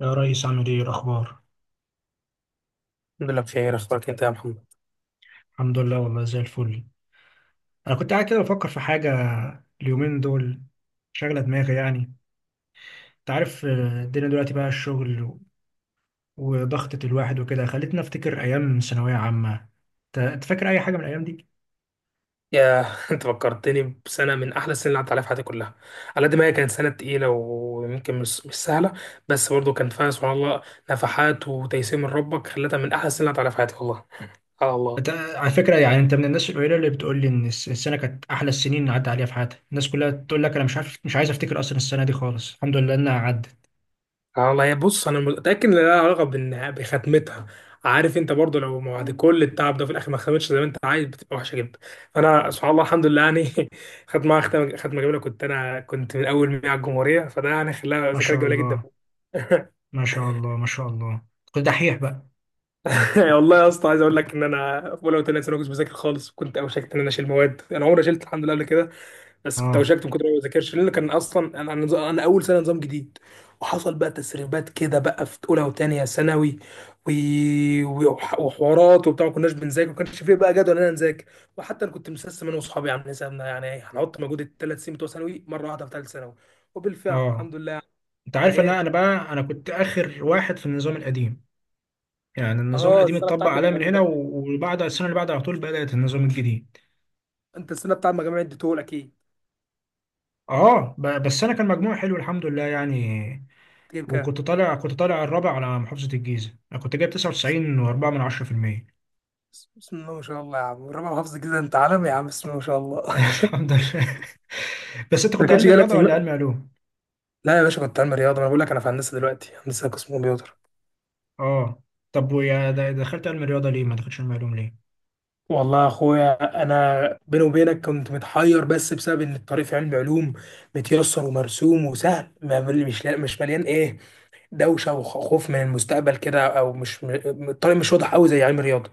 يا ريس، عامل ايه الاخبار؟ الحمد لله بخير، اخبارك انت يا محمد؟ الحمد لله، والله زي الفل. انا كنت قاعد كده بفكر في حاجه اليومين دول، شاغله دماغي يعني. انت عارف، الدنيا دلوقتي بقى الشغل وضغطة الواحد وكده خلتني افتكر ايام ثانويه عامه. انت فاكر اي حاجه من الايام دي؟ يا انت فكرتني بسنه من احلى السنين اللي عدت عليها في حياتي كلها. على قد ما هي كانت سنه تقيله ويمكن مش سهله، بس برضه كان فيها سبحان الله نفحات وتيسير من ربك خلتها من احلى السنين اللي عدت عليها في حياتي والله. على الله. انت على فكره يعني انت من الناس القليله اللي بتقول لي ان السنه كانت احلى السنين اللي عدى عليها في حياتي. الناس كلها تقول لك انا مش عارف، مش عايز افتكر اصلا السنه دي خالص، الحمد لله انها عدت. على الله. يا بص، انا متاكد ان لها علاقه بختمتها. عارف انت برضه لو بعد كل التعب ده في الاخر ما ختمتش زي ما انت عايز بتبقى وحشه جدا. فانا سبحان الله الحمد لله يعني. خدت معاها ختمه جميله، كنت انا من اول 100 على الجمهوريه، فده يعني خلاها ما ذكريات شاء جميله جدا. الله، ما شاء الله، ما شاء الله. كنت دحيح بقى. يعني والله يا اسطى، عايز اقول لك ان انا في اولى وثانيه ثانوي كنت بذاكر خالص، كنت اوشكت ان انا اشيل مواد. انا عمري ما شلت الحمد لله قبل كده، بس كنت اه، اوشكت من كتر ما بذاكرش، لان كان اصلا انا اول سنه نظام جديد. وحصل بقى تسريبات كده بقى في اولى وثانيه ثانوي و... وحوارات وبتاع، ما كناش بنذاكر، ما كانش فيه بقى جدول ان انا نذاكر. وحتى انا كنت مسسم انا واصحابي، عاملين حسابنا يعني هنحط مجهود 3 سنين بتوع ثانوي مره واحده في ثالث ثانوي. وبالفعل اه، الحمد لله. انت يعني عارف ان انا ايه؟ أنا بقى انا كنت اخر واحد في النظام القديم. يعني النظام اه، القديم السنه اتطبق بتاعت عليا من هنا المجموع. وبعد السنه اللي بعدها على طول بدات النظام الجديد. انت السنه بتاعت مجاميع اديتهولك اكيد. اه، بس انا كان مجموع حلو الحمد لله يعني. تجيب كام؟ وكنت طالع الرابع على محافظه الجيزه، انا كنت جايب 99.4 من 10%. بسم الله ما شاء الله يا عم، ربع حافظ كده، انت عالمي يا عم، بسم الله ما شاء الله. الحمد لله. بس انت ما كنت كانش علم جالك رياضه في ولا علم علوم؟ لا يا باشا، كنت علمي رياضه. انا بقول لك انا في هندسه دلوقتي، هندسه قسم كمبيوتر. اه طب ويا دخلت علم رياضه ليه؟ ما دخلتش علم علوم ليه؟ والله يا اخويا، انا بيني وبينك كنت متحير بس بسبب ان الطريق في علم علوم متيسر ومرسوم وسهل، ما مش مليان ايه، دوشه وخوف من المستقبل كده، او مش م- الطريق مش واضح قوي زي علم الرياضه.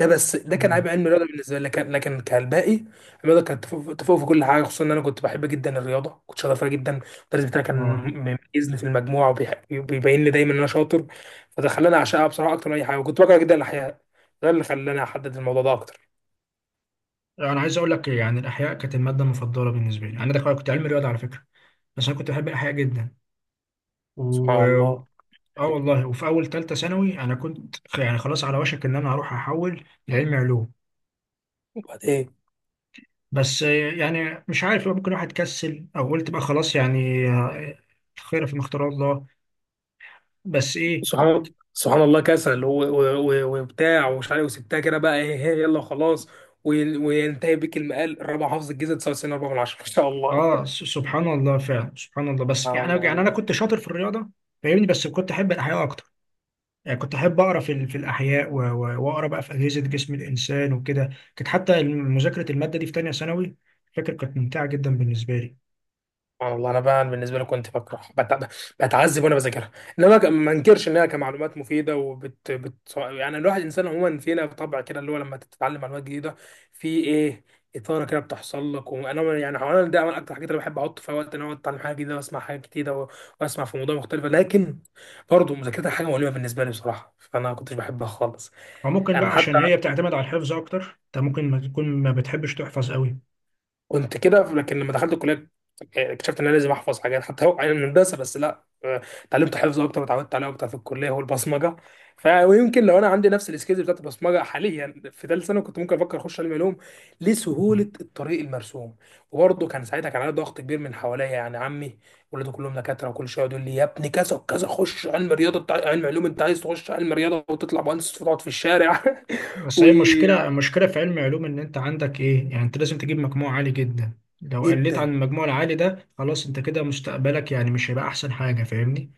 ده بس ده كان اه، عيب علم الرياضه بالنسبه لي، لكن كالباقي، الرياضه كانت تفوق تفوق في كل حاجه، خصوصا ان انا كنت بحب جدا الرياضه، كنت شاطر فيها جدا. المدرس بتاعي كان اه، مميزني في المجموعه، وبيبين لي دايما ان انا شاطر، فده خلاني اعشقها بصراحه اكتر من اي حاجه. وكنت بكره جدا الاحياء، ده اللي خلاني احدد الموضوع ده اكتر. انا عايز اقول لك يعني الاحياء كانت الماده المفضله بالنسبه لي. انا دخلت كنت علم رياضه على فكره، بس انا كنت بحب الاحياء جدا، و سبحان الله. اه والله. وفي اول ثالثه ثانوي انا كنت يعني خلاص على وشك ان انا هروح احول لعلمي علوم، وبعدين. بس يعني مش عارف بقى، ممكن واحد كسل او قلت بقى خلاص يعني، الخير في اختار الله. بس ايه، سبحان الله، كسل وبتاع ومش عارف، وسبتها كده بقى ايه إيه، يلا خلاص. وينتهي بك المقال الرابع حافظ الجيزه، 99 4 من 10، ما شاء اه، الله. سبحان الله، فعلا سبحان الله. بس سبحان يعني الله يعني انا والله. كنت شاطر في الرياضه فاهمني، بس كنت احب الاحياء اكتر. يعني كنت احب اقرا في الاحياء، واقرا بقى في اجهزه جسم الانسان وكده. كانت حتى مذاكره الماده دي في ثانيه ثانوي فاكر كانت ممتعه جدا بالنسبه لي. سبحان الله، انا بقى بالنسبه لي كنت بكره بتعذب وانا بذاكرها، انما ما انكرش انها كمعلومات مفيده، وبت بت يعني الواحد انسان عموما فينا بطبع كده اللي هو لما تتعلم معلومات جديده في ايه، اثاره كده بتحصل لك. وانا يعني حوالي ده من اكتر الحاجات اللي بحب احط فيها وقت ان انا اتعلم حاجه جديده واسمع حاجه جديده واسمع في موضوع مختلف، لكن برضه مذاكرتها حاجه مؤلمه بالنسبه لي بصراحه، فانا ما كنتش بحبها خالص. فممكن بقى انا حتى عشان هي بتعتمد على الحفظ اكتر، انت ممكن ما تكون ما بتحبش تحفظ قوي. كنت كده، لكن لما دخلت الكليه اكتشفت ان انا لازم احفظ حاجات، حتى هو يعني هندسه بس، لا، اتعلمت حفظ اكتر وتعودت عليه اكتر في الكليه هو البصمجه. فيمكن لو انا عندي نفس السكيلز بتاعت البصمجه حاليا في ثالث سنه كنت ممكن افكر اخش علم علوم، لسهوله الطريق المرسوم. وبرضه كان ساعتها كان عليا ضغط كبير من حواليا، يعني عمي ولاده كلهم دكاتره، وكل شويه يقول لي يا ابني كذا وكذا، خش علم رياضه بتاع علم علوم، انت عايز تخش علم رياضه وتطلع مهندس وتقعد في الشارع؟ بس هي المشكله المشكله في علم علوم ان انت عندك ايه يعني، انت لازم تجيب مجموع عالي جدا، لو قلت عن وجدا المجموع العالي ده خلاص انت كده مستقبلك يعني مش هيبقى احسن حاجه فاهمني.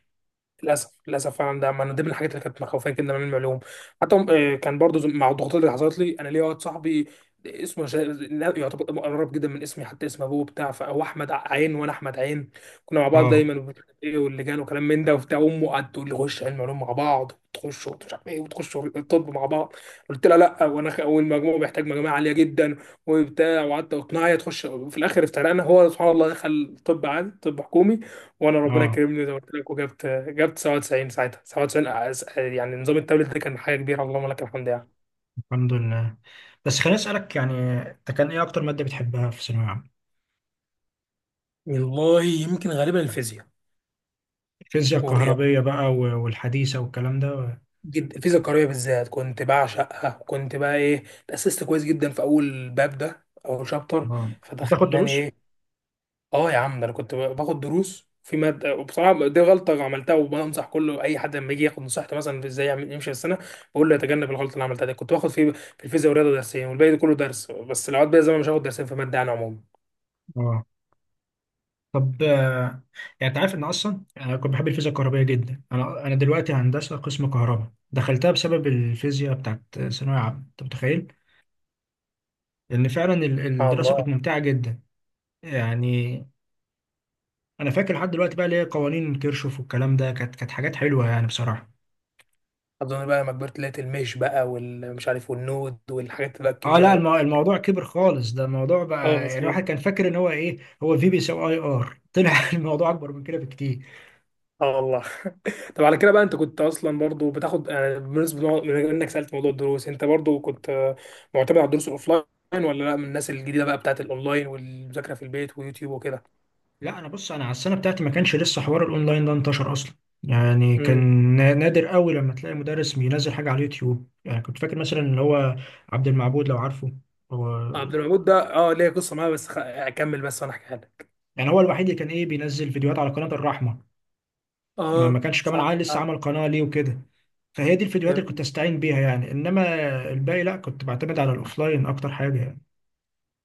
للاسف للاسف فعلا، ده من ضمن الحاجات اللي كانت مخوفاني كده من المعلوم. حتى كان برضو مع الضغوطات اللي حصلت لي، انا ليا واحد صاحبي اسمه لا، يعتبر قريب جدا من اسمي، حتى اسم ابوه بتاع، فهو احمد عين وانا احمد عين. كنا مع بعض اه، دايما ومش عارف ايه واللجان وكلام من ده وبتاع. امه قعدت تقول لي خش علم علوم مع بعض، تخش مش عارف ايه، وتخش الطب مع بعض. قلت لها لا، وانا والمجموع محتاج مجموعه عاليه جدا وبتاع. وقعدت اقنعها هي تخش، في الاخر افترقنا. هو سبحان الله دخل طب عادي، طب حكومي، وانا ربنا اه، كرمني زي ما قلت لك، وجبت 97 ساعتها، 97. يعني نظام التابلت ده كان حاجه كبيره، اللهم لك الحمد يعني. الحمد لله. بس خليني اسالك يعني، انت كان ايه اكتر ماده بتحبها في ثانويه عامه؟ والله يمكن غالبا الفيزياء. الفيزياء والرياضه الكهربيه بقى والحديثه والكلام ده جدا، الفيزياء الكهربائيه بالذات كنت بعشقها، كنت بقى ايه، تاسست كويس جدا في اول باب، ده اول شابتر، اه، فده بتاخد خلاني دروس؟ ايه. اه يا عم، ده انا كنت باخد دروس في ماده، وبصراحه دي غلطه عملتها، وبنصح كله اي حد لما يجي ياخد نصيحتي مثلا في ازاي يعمل يمشي في السنه، بقول له يتجنب الغلطه اللي عملتها دي. كنت باخد في الفيزياء ورياضه درسين والباقي ده كله درس بس. العواد بقى زمان، مش هاخد درسين في ماده انا عموما. اه طب، يعني انت عارف ان اصلا انا كنت بحب الفيزياء الكهربائيه جدا. انا دلوقتي هندسه قسم كهرباء، دخلتها بسبب الفيزياء بتاعت ثانويه عامه، انت متخيل؟ ان فعلا سبحان الدراسه كانت الله. ممتعه جدا يعني. انا فاكر لحد دلوقتي بقى ليه قوانين كيرشوف والكلام ده كانت حاجات حلوه يعني بصراحه. اظن بقى لما كبرت لقيت المش بقى والمش عارف والنود والحاجات بقى اه الكبيره لا، بقى. الموضوع كبر خالص، ده الموضوع بقى خلاص يعني الواحد والله. كان فاكر ان هو ايه، هو في بيساوي اي ار طلع الموضوع اكبر من كده بكتير. اه والله. طب على كده بقى، انت كنت اصلا برضو بتاخد يعني، بالنسبه من انك سالت موضوع الدروس، انت برضو كنت معتمد على الدروس الاوفلاين، ولا لا من الناس الجديده بقى بتاعت الاونلاين والمذاكره في البيت ويوتيوب وكده؟ لا انا بص، انا على السنه بتاعتي ما كانش لسه حوار الاونلاين ده انتشر اصلا. يعني كان امم نادر قوي لما تلاقي مدرس بينزل حاجه على اليوتيوب. يعني كنت فاكر مثلا اللي هو عبد المعبود، لو عارفه. هو عبد المعبود ده، اه، ليه قصه معاه، بس اكمل بس وانا احكيها لك. يعني هو الوحيد اللي كان ايه بينزل فيديوهات على قناه الرحمه. ما اه ما كانش كمان صح. عيل لسه فعلا. عمل قناه ليه وكده. فهي دي الفيديوهات اللي كنت جميل. استعين بيها يعني، انما الباقي لا، كنت بعتمد على الاوفلاين اكتر حاجه يعني.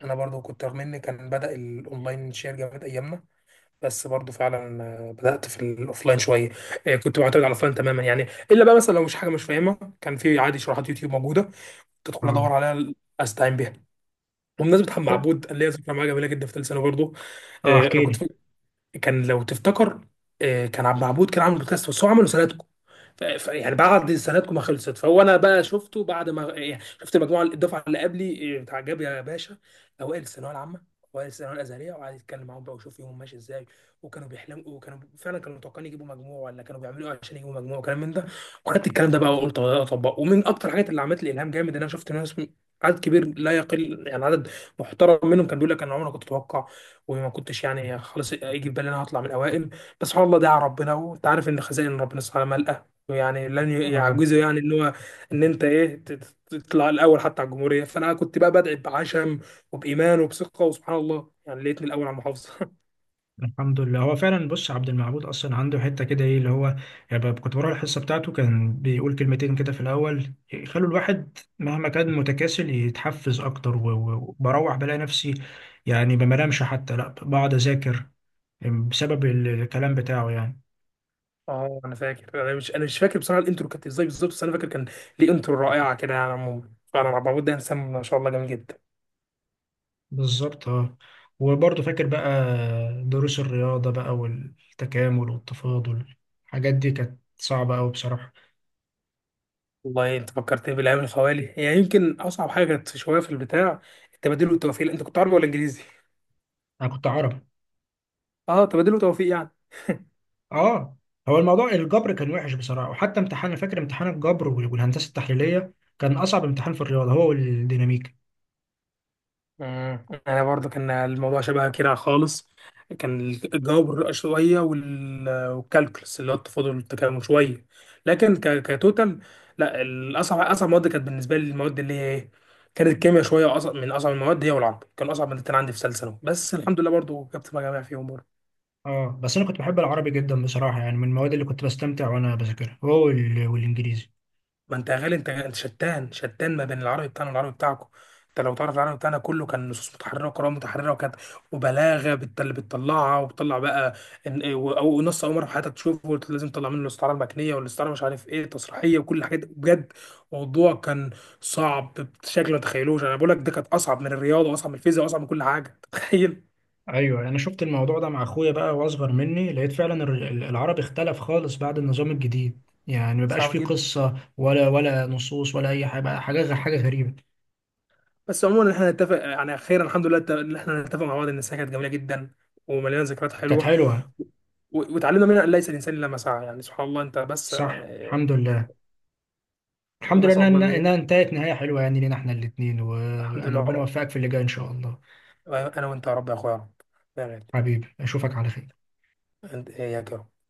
انا برضو كنت، رغم ان كان بدا الاونلاين شير جامد ايامنا، بس برضو فعلا بدات في الاوفلاين شويه. كنت معتمد على الاوفلاين تماما يعني، الا بقى مثلا لو مش حاجه مش فاهمها كان في عادي شروحات يوتيوب موجوده، تدخل اه، ادور عليها، استعين بيها. وبمناسبة محمد معبود، انا ليا ذكرى معاه جميلة جدا في ثالث ثانوي برضه. اه انا احكي كنت لي. فاكر، كان لو تفتكر، كان عبد معبود كان عامل بودكاست بس هو عمله سنة. يعني بعد سنتكم ما خلصت، فهو انا بقى شفته بعد ما يعني شفت المجموعه، الدفعه اللي قبلي بتاع، جاب يا باشا اوائل الثانويه العامه، اوائل الثانويه الازهريه، وقعد يتكلم معاهم بقى وشوف يومهم ماشي ازاي، وكانوا بيحلموا، وكانوا فعلا كانوا متوقعين يجيبوا مجموع، ولا كانوا بيعملوا ايه عشان يجيبوا مجموع، وكلام من ده. وخدت الكلام ده بقى وقلت والله اطبقه، ومن اكتر الحاجات اللي عملت لي الهام جامد، ان انا شفت ناس عدد كبير لا يقل، يعني عدد محترم منهم، كان بيقول لك انا عمري ما كنت اتوقع، وما كنتش يعني خلاص يجي في بالي إن انا هطلع من الاوائل، بس سبحان الله دعا ربنا، وانت عارف ان خزائن ربنا سبحانه يعني لن اه، يعجزه، يعني ان هو ان انت ايه تطلع الاول حتى على الجمهوريه. فانا كنت بقى بدعي بعشم وبايمان وبثقه، وسبحان الله يعني لقيتني الاول على المحافظه. الحمد لله. هو فعلا بص عبد المعبود اصلا عنده حته كده ايه اللي هو، يعني كنت بروح الحصه بتاعته كان بيقول كلمتين كده في الاول يخلوا الواحد مهما كان متكاسل يتحفز اكتر، وبروح بلاقي نفسي يعني ما بنامش حتى لا، بقعد اذاكر، بسبب الكلام بتاعه يعني. اه انا فاكر، انا مش فاكر بصراحه الانترو كانت ازاي بالظبط، بس انا فاكر كان ليه انترو رائعه كده، يعني عموما فعلا عبد العبود ده انسان ما شاء الله جميل جدا. بالظبط، اه. وبرضه فاكر بقى دروس الرياضه بقى، والتكامل والتفاضل، الحاجات دي كانت صعبه قوي بصراحه. والله انت فكرتني بالايام الخوالي، يعني يمكن اصعب حاجه كانت شويه في البتاع التبادل والتوفيق. انت كنت عربي ولا انجليزي؟ انا كنت عربي. اه، تبادل وتوفيق يعني. اه، هو الموضوع الجبر كان وحش بصراحه، وحتى امتحان، أنا فاكر امتحان الجبر والهندسه التحليليه كان اصعب امتحان في الرياضه، هو والديناميكا. مم. انا برضو كان الموضوع شبه كده خالص، كان الجبر شويه والكالكولس اللي هو التفاضل والتكامل شويه، لكن كتوتال، لا، اصعب مواد كانت بالنسبه لي المواد اللي هي ايه، كانت الكيمياء شويه اصعب، من اصعب المواد، هي والعربي، كان اصعب مادتين عندي في ثالثه ثانوي، بس الحمد لله برضو جبت مجاميع فيهم برضو. اه، بس انا كنت بحب العربي جدا بصراحه يعني، من المواد اللي كنت بستمتع وانا بذاكرها هو والانجليزي. ما انت يا غالي، انت شتان شتان ما بين العربي بتاعنا والعربي بتاعكم. انت لو تعرف العربي بتاعنا كله كان نصوص متحرره وقراءه متحرره، وكانت وبلاغه اللي بتطلعها وبتطلع بقى او نص اول مره في حياتك تشوفه قلت لازم تطلع منه الاستعاره المكنيه والاستعاره مش عارف ايه التصريحيه وكل الحاجات دي. بجد موضوع كان صعب، بشكل ما تتخيلوش. انا بقول لك ده كانت اصعب من الرياضه واصعب من الفيزياء واصعب من كل حاجه. تخيل، ايوه، انا شفت الموضوع ده مع اخويا بقى واصغر مني لقيت فعلا العربي اختلف خالص بعد النظام الجديد، يعني مبقاش صعب فيه جدا. قصه ولا نصوص ولا اي حاجه، بقى حاجه غريبه. بس عموما احنا نتفق، يعني خيرا الحمد لله ان احنا نتفق مع بعض ان السنه كانت جميله جدا ومليانه ذكريات كانت حلوه، حلوه. وتعلمنا منها ان ليس الانسان الا ما سعى، يعني سبحان الله. انت بس صح الحمد لله. الحمد نسال لله الله انها إنها انتهت نهايه حلوه يعني، لينا احنا الاثنين، الحمد وانا ربنا لله. يوفقك في اللي جاي ان شاء الله. انا وانت يا رب، يا اخويا يا رب، يا غالي. حبيبي اشوفك على خير. انت إيه يا كرم.